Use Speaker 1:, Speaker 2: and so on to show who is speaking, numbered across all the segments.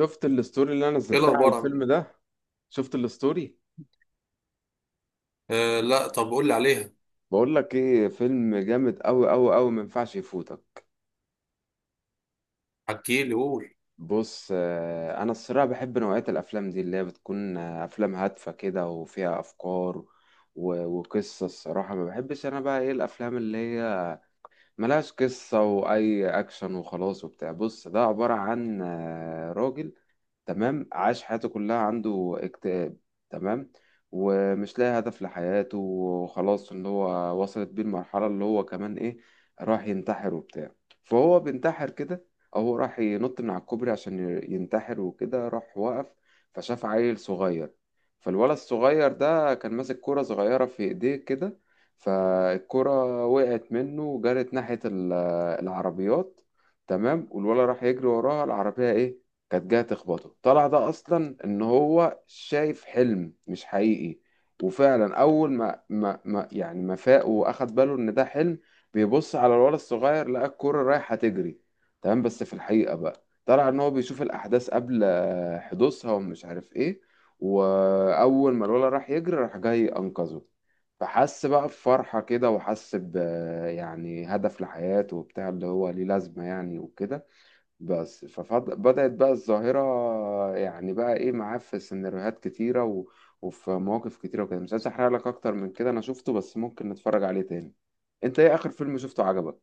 Speaker 1: شفت الستوري اللي انا
Speaker 2: ايه
Speaker 1: نزلتها على
Speaker 2: الاخبار؟ عامل
Speaker 1: الفيلم
Speaker 2: ايه؟
Speaker 1: ده. شفت الستوري.
Speaker 2: آه، لا، طب قول لي عليها.
Speaker 1: بقول لك ايه، فيلم جامد قوي قوي قوي، ما ينفعش يفوتك.
Speaker 2: حكي لي، قول.
Speaker 1: بص، انا الصراحه بحب نوعيه الافلام دي اللي هي بتكون، افلام هادفه كده وفيها افكار وقصه. الصراحه ما بحبش انا بقى ايه الافلام اللي هي ملهاش قصه واي اكشن وخلاص وبتاع. بص ده عباره عن راجل، تمام، عاش حياته كلها عنده اكتئاب. تمام. ومش لاقي هدف لحياته، وخلاص اللي هو وصلت بيه المرحلة اللي هو كمان ايه، راح ينتحر وبتاع. فهو بينتحر كده. او هو راح ينط من على الكوبري عشان ينتحر، وكده راح وقف. فشاف عيل صغير. فالولد الصغير ده كان ماسك كرة صغيرة في ايديه كده. فالكرة وقعت منه وجرت ناحية العربيات. تمام. والولد راح يجري وراها، العربية ايه كانت جاية تخبطه. طلع ده أصلا إن هو شايف حلم مش حقيقي. وفعلا أول ما يعني ما فاق وأخد باله إن ده حلم، بيبص على الولد الصغير، لقى الكرة رايحة تجري. تمام. بس في الحقيقة بقى طلع إن هو بيشوف الأحداث قبل حدوثها، ومش عارف إيه. وأول ما الولد راح يجري، راح جاي أنقذه. فحس بقى بفرحة كده، وحس ب يعني هدف لحياته وبتاع، اللي هو ليه لازمة يعني وكده. بس فبدأت بقى الظاهرة، يعني بقى ايه معاه في سيناريوهات كتيرة وفي مواقف كتيرة وكده. مش عايز احرق لك اكتر من كده، انا شفته بس ممكن نتفرج عليه تاني. انت ايه اخر فيلم شفته عجبك؟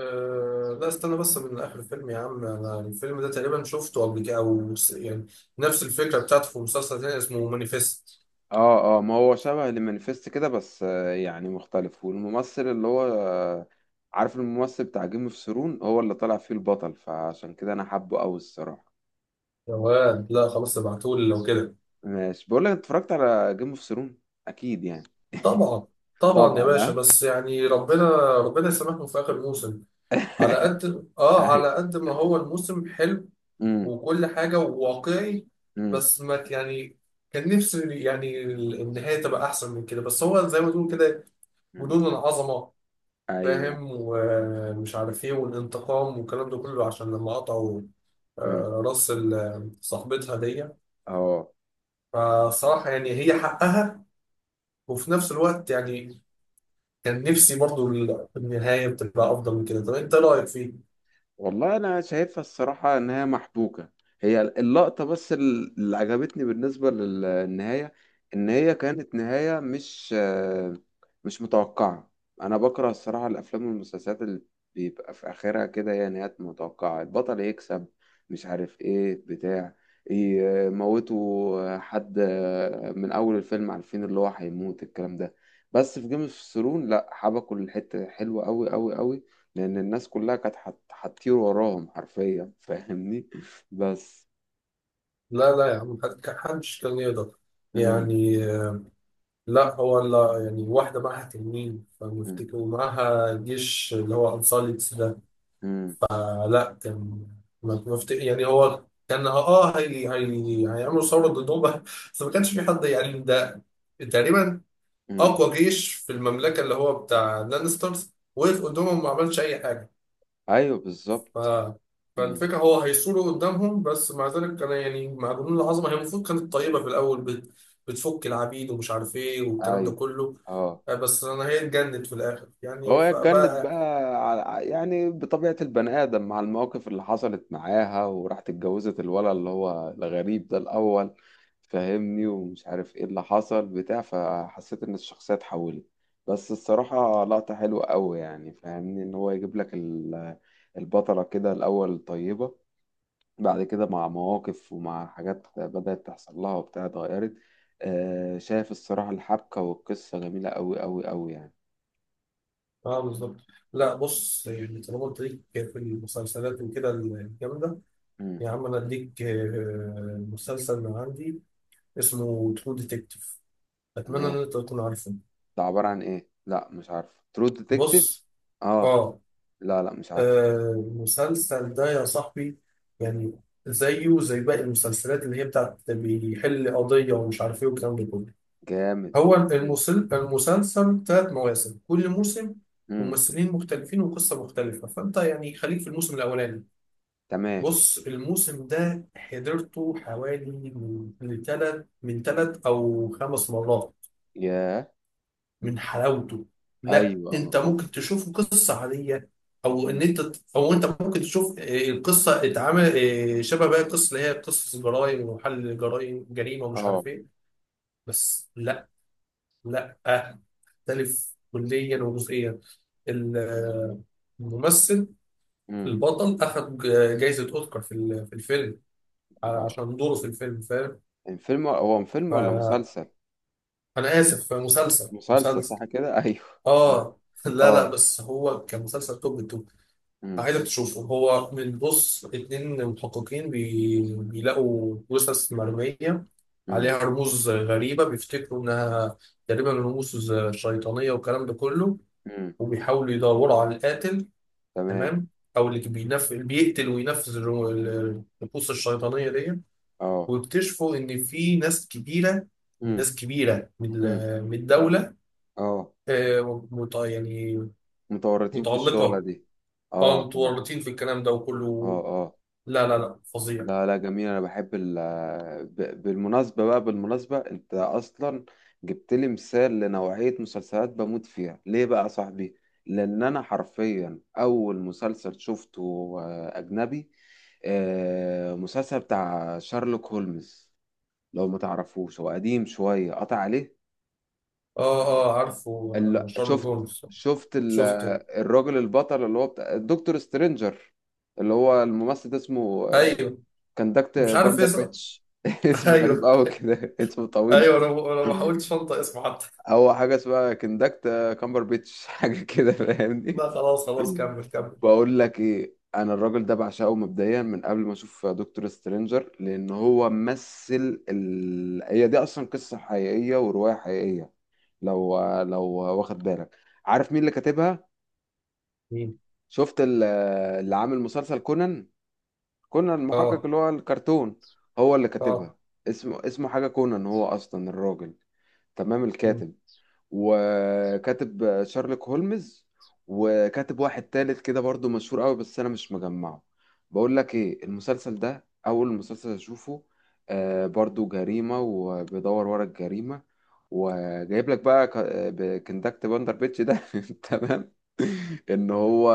Speaker 2: أه، لا، استنى بس من آخر الفيلم يا عم. أنا الفيلم ده تقريبا شفته قبل كده أو يعني نفس الفكرة بتاعته في مسلسل تاني اسمه مانيفست.
Speaker 1: اه اه، ما هو شبه المانيفست كده، بس يعني مختلف. والممثل اللي هو عارف الممثل بتاع جيم اوف ثرون، هو اللي طلع فيه البطل، فعشان كده انا حابه قوي الصراحة.
Speaker 2: يا واد، لا، خلاص، ابعتهولي لو كده.
Speaker 1: ماشي، بقول لك، اتفرجت على جيم اوف ثرون؟ اكيد يعني.
Speaker 2: طبعا، طبعا يا
Speaker 1: طبعا
Speaker 2: باشا،
Speaker 1: ها.
Speaker 2: بس يعني ربنا يسامحهم في آخر موسم. على قد آه
Speaker 1: أيوة.
Speaker 2: على قد ما هو الموسم حلو،
Speaker 1: امم.
Speaker 2: وكل حاجة، وواقعي. بس ما ك- يعني كان نفسي يعني النهاية تبقى أحسن من كده، بس هو زي ما تقول كده،
Speaker 1: امم.
Speaker 2: جنون العظمة.
Speaker 1: ايوه.
Speaker 2: فاهم؟ ومش عارف ايه والانتقام والكلام ده كله، عشان لما قطعوا
Speaker 1: امم.
Speaker 2: راس صاحبتها دي.
Speaker 1: اه.
Speaker 2: فصراحة يعني هي حقها، وفي نفس الوقت يعني كان نفسي برضو النهاية بتبقى أفضل من كده. طب أنت رأيك فيه؟
Speaker 1: والله انا شايفها الصراحه ان هي محبوكه. هي اللقطه بس اللي عجبتني بالنسبه للنهايه، ان هي كانت نهايه مش متوقعه. انا بكره الصراحه الافلام والمسلسلات اللي بيبقى في اخرها كده، يعني هي نهايات متوقعه، البطل يكسب، مش عارف ايه بتاع، يموتوا حد من اول الفيلم عارفين اللي هو هيموت، الكلام ده. بس في جيم اوف ثرون لا، حبكوا الحته حلوه قوي قوي قوي، لأن الناس كلها كانت هتطير وراهم حرفيا، فاهمني. بس.
Speaker 2: لا، لا يا عم، محدش كان يقدر
Speaker 1: مم.
Speaker 2: يعني، لا، هو لا يعني، واحدة معاها تنين
Speaker 1: مم.
Speaker 2: فمفتكر، ومعاها جيش اللي هو أنصار الإسلام.
Speaker 1: مم.
Speaker 2: لا، كان ما- ما فت- يعني هو كان هي هيعملوا ثوره ضدهم بس ما كانش في حد، يعني ده تقريبا
Speaker 1: مم.
Speaker 2: اقوى جيش في المملكه اللي هو بتاع لانسترز، وقف
Speaker 1: مم.
Speaker 2: قدامهم ما عملش اي حاجه.
Speaker 1: أيوه
Speaker 2: ف
Speaker 1: بالظبط. مم.
Speaker 2: فالفكره هو هيثوروا قدامهم، بس مع ذلك كان يعني مع جنود العظمه، هي المفروض كانت طيبه في الاول، بتفك العبيد ومش عارف ايه والكلام ده
Speaker 1: أيوه
Speaker 2: كله.
Speaker 1: اه.
Speaker 2: بس انا، هي اتجنت في الاخر،
Speaker 1: هو
Speaker 2: يعني
Speaker 1: اتجنت بقى.
Speaker 2: فبقى.
Speaker 1: يعني بطبيعة البني آدم مع المواقف اللي حصلت معاها، وراحت اتجوزت الولد اللي هو الغريب ده الأول، فاهمني، ومش عارف ايه اللي حصل بتاع. فحسيت إن الشخصية اتحولت. بس الصراحة لقطة حلوة أوي، يعني فاهمني، إن هو يجيب لك البطلة كده الأول طيبة، بعد كده مع مواقف ومع حاجات بدأت تحصل لها وبتاع اتغيرت. شايف الصراحة الحبكة والقصة جميلة أوي أوي أوي يعني.
Speaker 2: اه، بالظبط. لا، بص، يعني طالما قلت ليك في المسلسلات وكده الجامده،
Speaker 1: مم.
Speaker 2: يا عم انا اديك مسلسل من عندي اسمه ترو ديتكتيف، اتمنى ان
Speaker 1: تمام.
Speaker 2: انت تكون عارفه.
Speaker 1: ده عبارة عن ايه؟ لا، مش عارف ترو ديتكتيف.
Speaker 2: بص.
Speaker 1: اه.
Speaker 2: اه
Speaker 1: لا لا مش عارف.
Speaker 2: المسلسل ده يا صاحبي، يعني زيه زي باقي المسلسلات اللي هي بتاعت بيحل قضيه ومش عارف ايه والكلام ده كله.
Speaker 1: جامد.
Speaker 2: هو
Speaker 1: ايه.
Speaker 2: المسلسل 3 مواسم، كل موسم
Speaker 1: امم.
Speaker 2: ممثلين مختلفين وقصه مختلفه، فانت يعني خليك في الموسم الاولاني.
Speaker 1: تمام.
Speaker 2: بص، الموسم ده حضرته حوالي من تلت او 5 مرات
Speaker 1: يا.
Speaker 2: من حلاوته. لا،
Speaker 1: ايوه اه
Speaker 2: انت
Speaker 1: اه.
Speaker 2: ممكن تشوفه قصه عاديه، او ان
Speaker 1: مم.
Speaker 2: انت، او انت ممكن تشوف القصه اتعمل شبه باقي القصص اللي هي قصص جرائم وحل جرائم، جريمه ومش
Speaker 1: اه.
Speaker 2: عارف ايه. بس لا، لا، مختلف كليا وجزئيا. ال- آه، الممثل
Speaker 1: مم.
Speaker 2: البطل اخذ جائزه اوسكار في في الفيلم
Speaker 1: اه.
Speaker 2: عشان دوره في الفيلم، فاهم؟
Speaker 1: يعني فيلم، هو فيلم ولا
Speaker 2: ف...
Speaker 1: مسلسل؟
Speaker 2: انا اسف، مسلسل
Speaker 1: مسلسل
Speaker 2: مسلسل.
Speaker 1: صح كده. ايوه. تمام
Speaker 2: اه. لا، لا،
Speaker 1: اه.
Speaker 2: بس هو كان مسلسل توب التوب.
Speaker 1: امم.
Speaker 2: عايزك تشوفه. هو من، بص، 2 محققين بيلاقوا جثث مرمية
Speaker 1: امم.
Speaker 2: عليها رموز غريبة، بيفتكروا انها تقريبا رموز شيطانية والكلام ده كله،
Speaker 1: امم.
Speaker 2: وبيحاولوا يدوروا على القاتل.
Speaker 1: تمام.
Speaker 2: تمام. او اللي بيقتل وينفذ الرموز الشيطانية دي،
Speaker 1: اه.
Speaker 2: ويكتشفوا ان في ناس كبيرة،
Speaker 1: امم.
Speaker 2: ناس كبيرة
Speaker 1: امم.
Speaker 2: من الدولة
Speaker 1: اه،
Speaker 2: يعني
Speaker 1: متورطين في الشغلة
Speaker 2: متعلقة،
Speaker 1: دي. اه
Speaker 2: اه
Speaker 1: اه.
Speaker 2: متورطين في الكلام ده
Speaker 1: اه
Speaker 2: وكله.
Speaker 1: اه.
Speaker 2: لا، لا، لا، فظيع.
Speaker 1: لا لا جميل، انا بحب ال. بالمناسبة بقى، بالمناسبة انت اصلا جبت لي مثال لنوعية مسلسلات بموت فيها، ليه بقى يا صاحبي؟ لان انا حرفيا اول مسلسل شفته اجنبي، مسلسل بتاع شارلوك هولمز. لو ما تعرفوش، هو قديم شوية، قطع عليه.
Speaker 2: اه، اه، عارفه
Speaker 1: ال-
Speaker 2: شارلوك
Speaker 1: شفت
Speaker 2: هولمز.
Speaker 1: شفت
Speaker 2: شفته.
Speaker 1: الراجل البطل اللي هو بتاع دكتور سترينجر، اللي هو الممثل ده اسمه
Speaker 2: ايوه،
Speaker 1: كندكت
Speaker 2: مش عارف
Speaker 1: باندر
Speaker 2: اسمه.
Speaker 1: بيتش. اسمه غريب
Speaker 2: ايوه.
Speaker 1: قوي كده، اسمه
Speaker 2: ايوه،
Speaker 1: طويل.
Speaker 2: انا ما حاولتش انطق اسمه حتى
Speaker 1: هو حاجة اسمها كندكت كامبر بيتش. حاجة كده، فاهمني.
Speaker 2: لا، خلاص خلاص، كمل كمل.
Speaker 1: بقول لك ايه، انا الراجل ده بعشقه مبدئيا من قبل ما اشوف دكتور سترينجر، لان هو مثل هي دي اصلا قصة حقيقية ورواية حقيقية. لو، واخد بالك، عارف مين اللي كاتبها؟
Speaker 2: مين؟
Speaker 1: شفت اللي عامل مسلسل كونان، كونان المحقق
Speaker 2: اه،
Speaker 1: اللي هو الكرتون؟ هو اللي
Speaker 2: اه،
Speaker 1: كاتبها. اسمه حاجة كونان، هو أصلا الراجل، تمام،
Speaker 2: مم،
Speaker 1: الكاتب. وكاتب شارلوك هولمز، وكاتب واحد تالت كده برضو مشهور قوي، بس انا مش مجمعه. بقول لك ايه، المسلسل ده اول مسلسل اشوفه، برضو جريمة وبيدور ورا الجريمة، وجايب لك بقى كندكت باندر بيتش ده. تمام، ان هو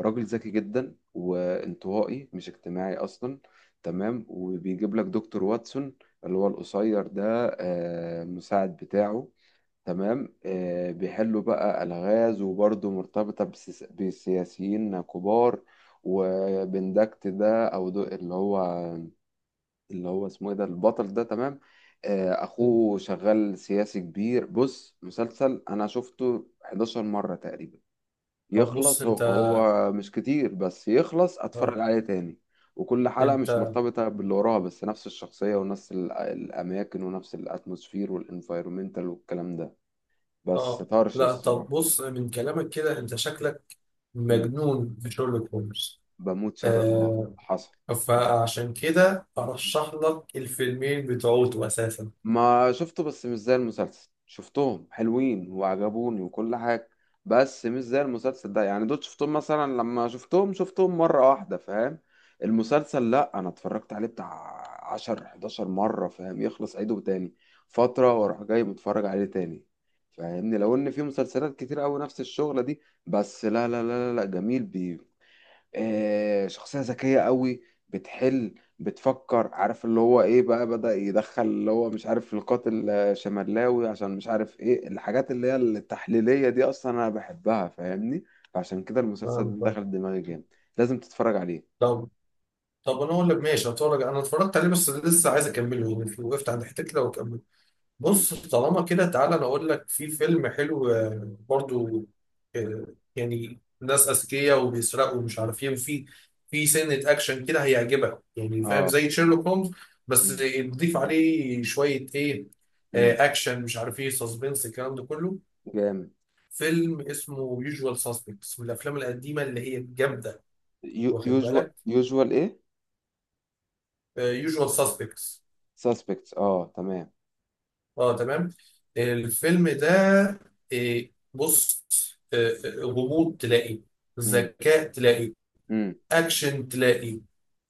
Speaker 1: راجل ذكي جدا، وانطوائي، مش اجتماعي اصلا. تمام. وبيجيب لك دكتور واتسون اللي هو القصير ده، مساعد بتاعه. تمام. بيحلوا بقى ألغاز، وبرضه مرتبطة بسياسيين كبار. وبندكت ده أو دو اللي هو اسمه إيه، ده البطل ده، تمام.
Speaker 2: مم.
Speaker 1: أخوه شغال سياسي كبير. بص، مسلسل أنا شفته 11 مرة تقريبا،
Speaker 2: طب، بص
Speaker 1: يخلص هو,
Speaker 2: انت.
Speaker 1: هو مش كتير، بس يخلص أتفرج
Speaker 2: اه.
Speaker 1: عليه تاني. وكل حلقة مش
Speaker 2: انت.
Speaker 1: مرتبطة باللي وراها، بس نفس الشخصية ونفس الأماكن ونفس الأتموسفير والإنفايرومنتال والكلام ده، بس
Speaker 2: اه.
Speaker 1: طرش
Speaker 2: لا، طب
Speaker 1: الصراحة.
Speaker 2: بص من كلامك كده انت شكلك
Speaker 1: امم.
Speaker 2: مجنون في شارلوك هولمز.
Speaker 1: بموت شرق اه،
Speaker 2: آه.
Speaker 1: حصل. حصل،
Speaker 2: فعشان كده ارشح لك الفيلمين بتوعته اساسا.
Speaker 1: ما شفته، بس مش زي المسلسل. شفتهم حلوين وعجبوني وكل حاجة، بس مش زي المسلسل ده، يعني دول شفتهم مثلا، لما شفتهم شفتهم مرة واحدة، فاهم. المسلسل لا، انا اتفرجت عليه بتاع 10 11 مرة، فاهم، يخلص عيده تاني فترة، واروح جاي متفرج عليه تاني، فاهمني. لو ان في مسلسلات كتير قوي نفس الشغلة دي، بس لا لا لا لا لا، جميل. شخصية ذكية قوي، بتحل، بتفكر، عارف اللي هو ايه بقى، بدأ يدخل اللي هو مش عارف القاتل شمالاوي، عشان مش عارف ايه، الحاجات اللي هي التحليلية دي اصلا انا بحبها، فاهمني. فعشان كده
Speaker 2: فاهم؟
Speaker 1: المسلسل ده
Speaker 2: طب.
Speaker 1: دخل دماغي جامد، لازم تتفرج عليه.
Speaker 2: طب، طب، انا اقول لك ماشي، هتفرج. انا اتفرجت عليه بس لسه عايز اكمله، يعني وقفت عند حته كده واكمل.
Speaker 1: امم
Speaker 2: بص، طالما كده تعالى انا اقول لك في فيلم حلو برضو، آه، يعني ناس اذكياء وبيسرقوا ومش عارف ايه، وفي سنه اكشن كده هيعجبك، يعني فاهم؟
Speaker 1: اه.
Speaker 2: زي شيرلوك هولمز، بس
Speaker 1: امم.
Speaker 2: تضيف عليه شويه ايه،
Speaker 1: امم.
Speaker 2: اكشن مش عارف ايه، سسبنس الكلام ده كله.
Speaker 1: جامد.
Speaker 2: فيلم اسمه يوجوال ساسبكتس، من الافلام القديمه اللي هي الجامده، واخد
Speaker 1: يوجوال.
Speaker 2: بالك؟
Speaker 1: يوجوال ايه.
Speaker 2: يوجوال ساسبكتس.
Speaker 1: ساسبكتس اه، تمام.
Speaker 2: اه، تمام. الفيلم ده، آه، بص، غموض تلاقي،
Speaker 1: امم.
Speaker 2: ذكاء تلاقي،
Speaker 1: امم.
Speaker 2: اكشن تلاقي،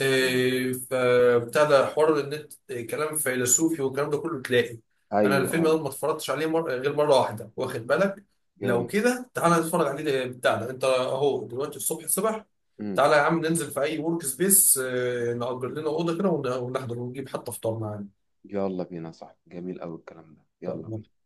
Speaker 2: فابتدى حوار النت، كلام فيلسوفي والكلام ده كله تلاقي. انا
Speaker 1: ايوه
Speaker 2: الفيلم
Speaker 1: اه.
Speaker 2: ده ما اتفرجتش عليه غير مره واحده، واخد بالك؟ لو
Speaker 1: جامد.
Speaker 2: كده تعالى نتفرج عليه، بتاعنا انت اهو دلوقتي، الصبح الصبح.
Speaker 1: امم.
Speaker 2: تعالى يا عم ننزل في اي ورك سبيس، نأجر لنا اوضه كده ونحضر ونجيب حتى فطار معانا.
Speaker 1: يلا بينا، صح، جميل قوي الكلام ده، يلا بينا.
Speaker 2: طب.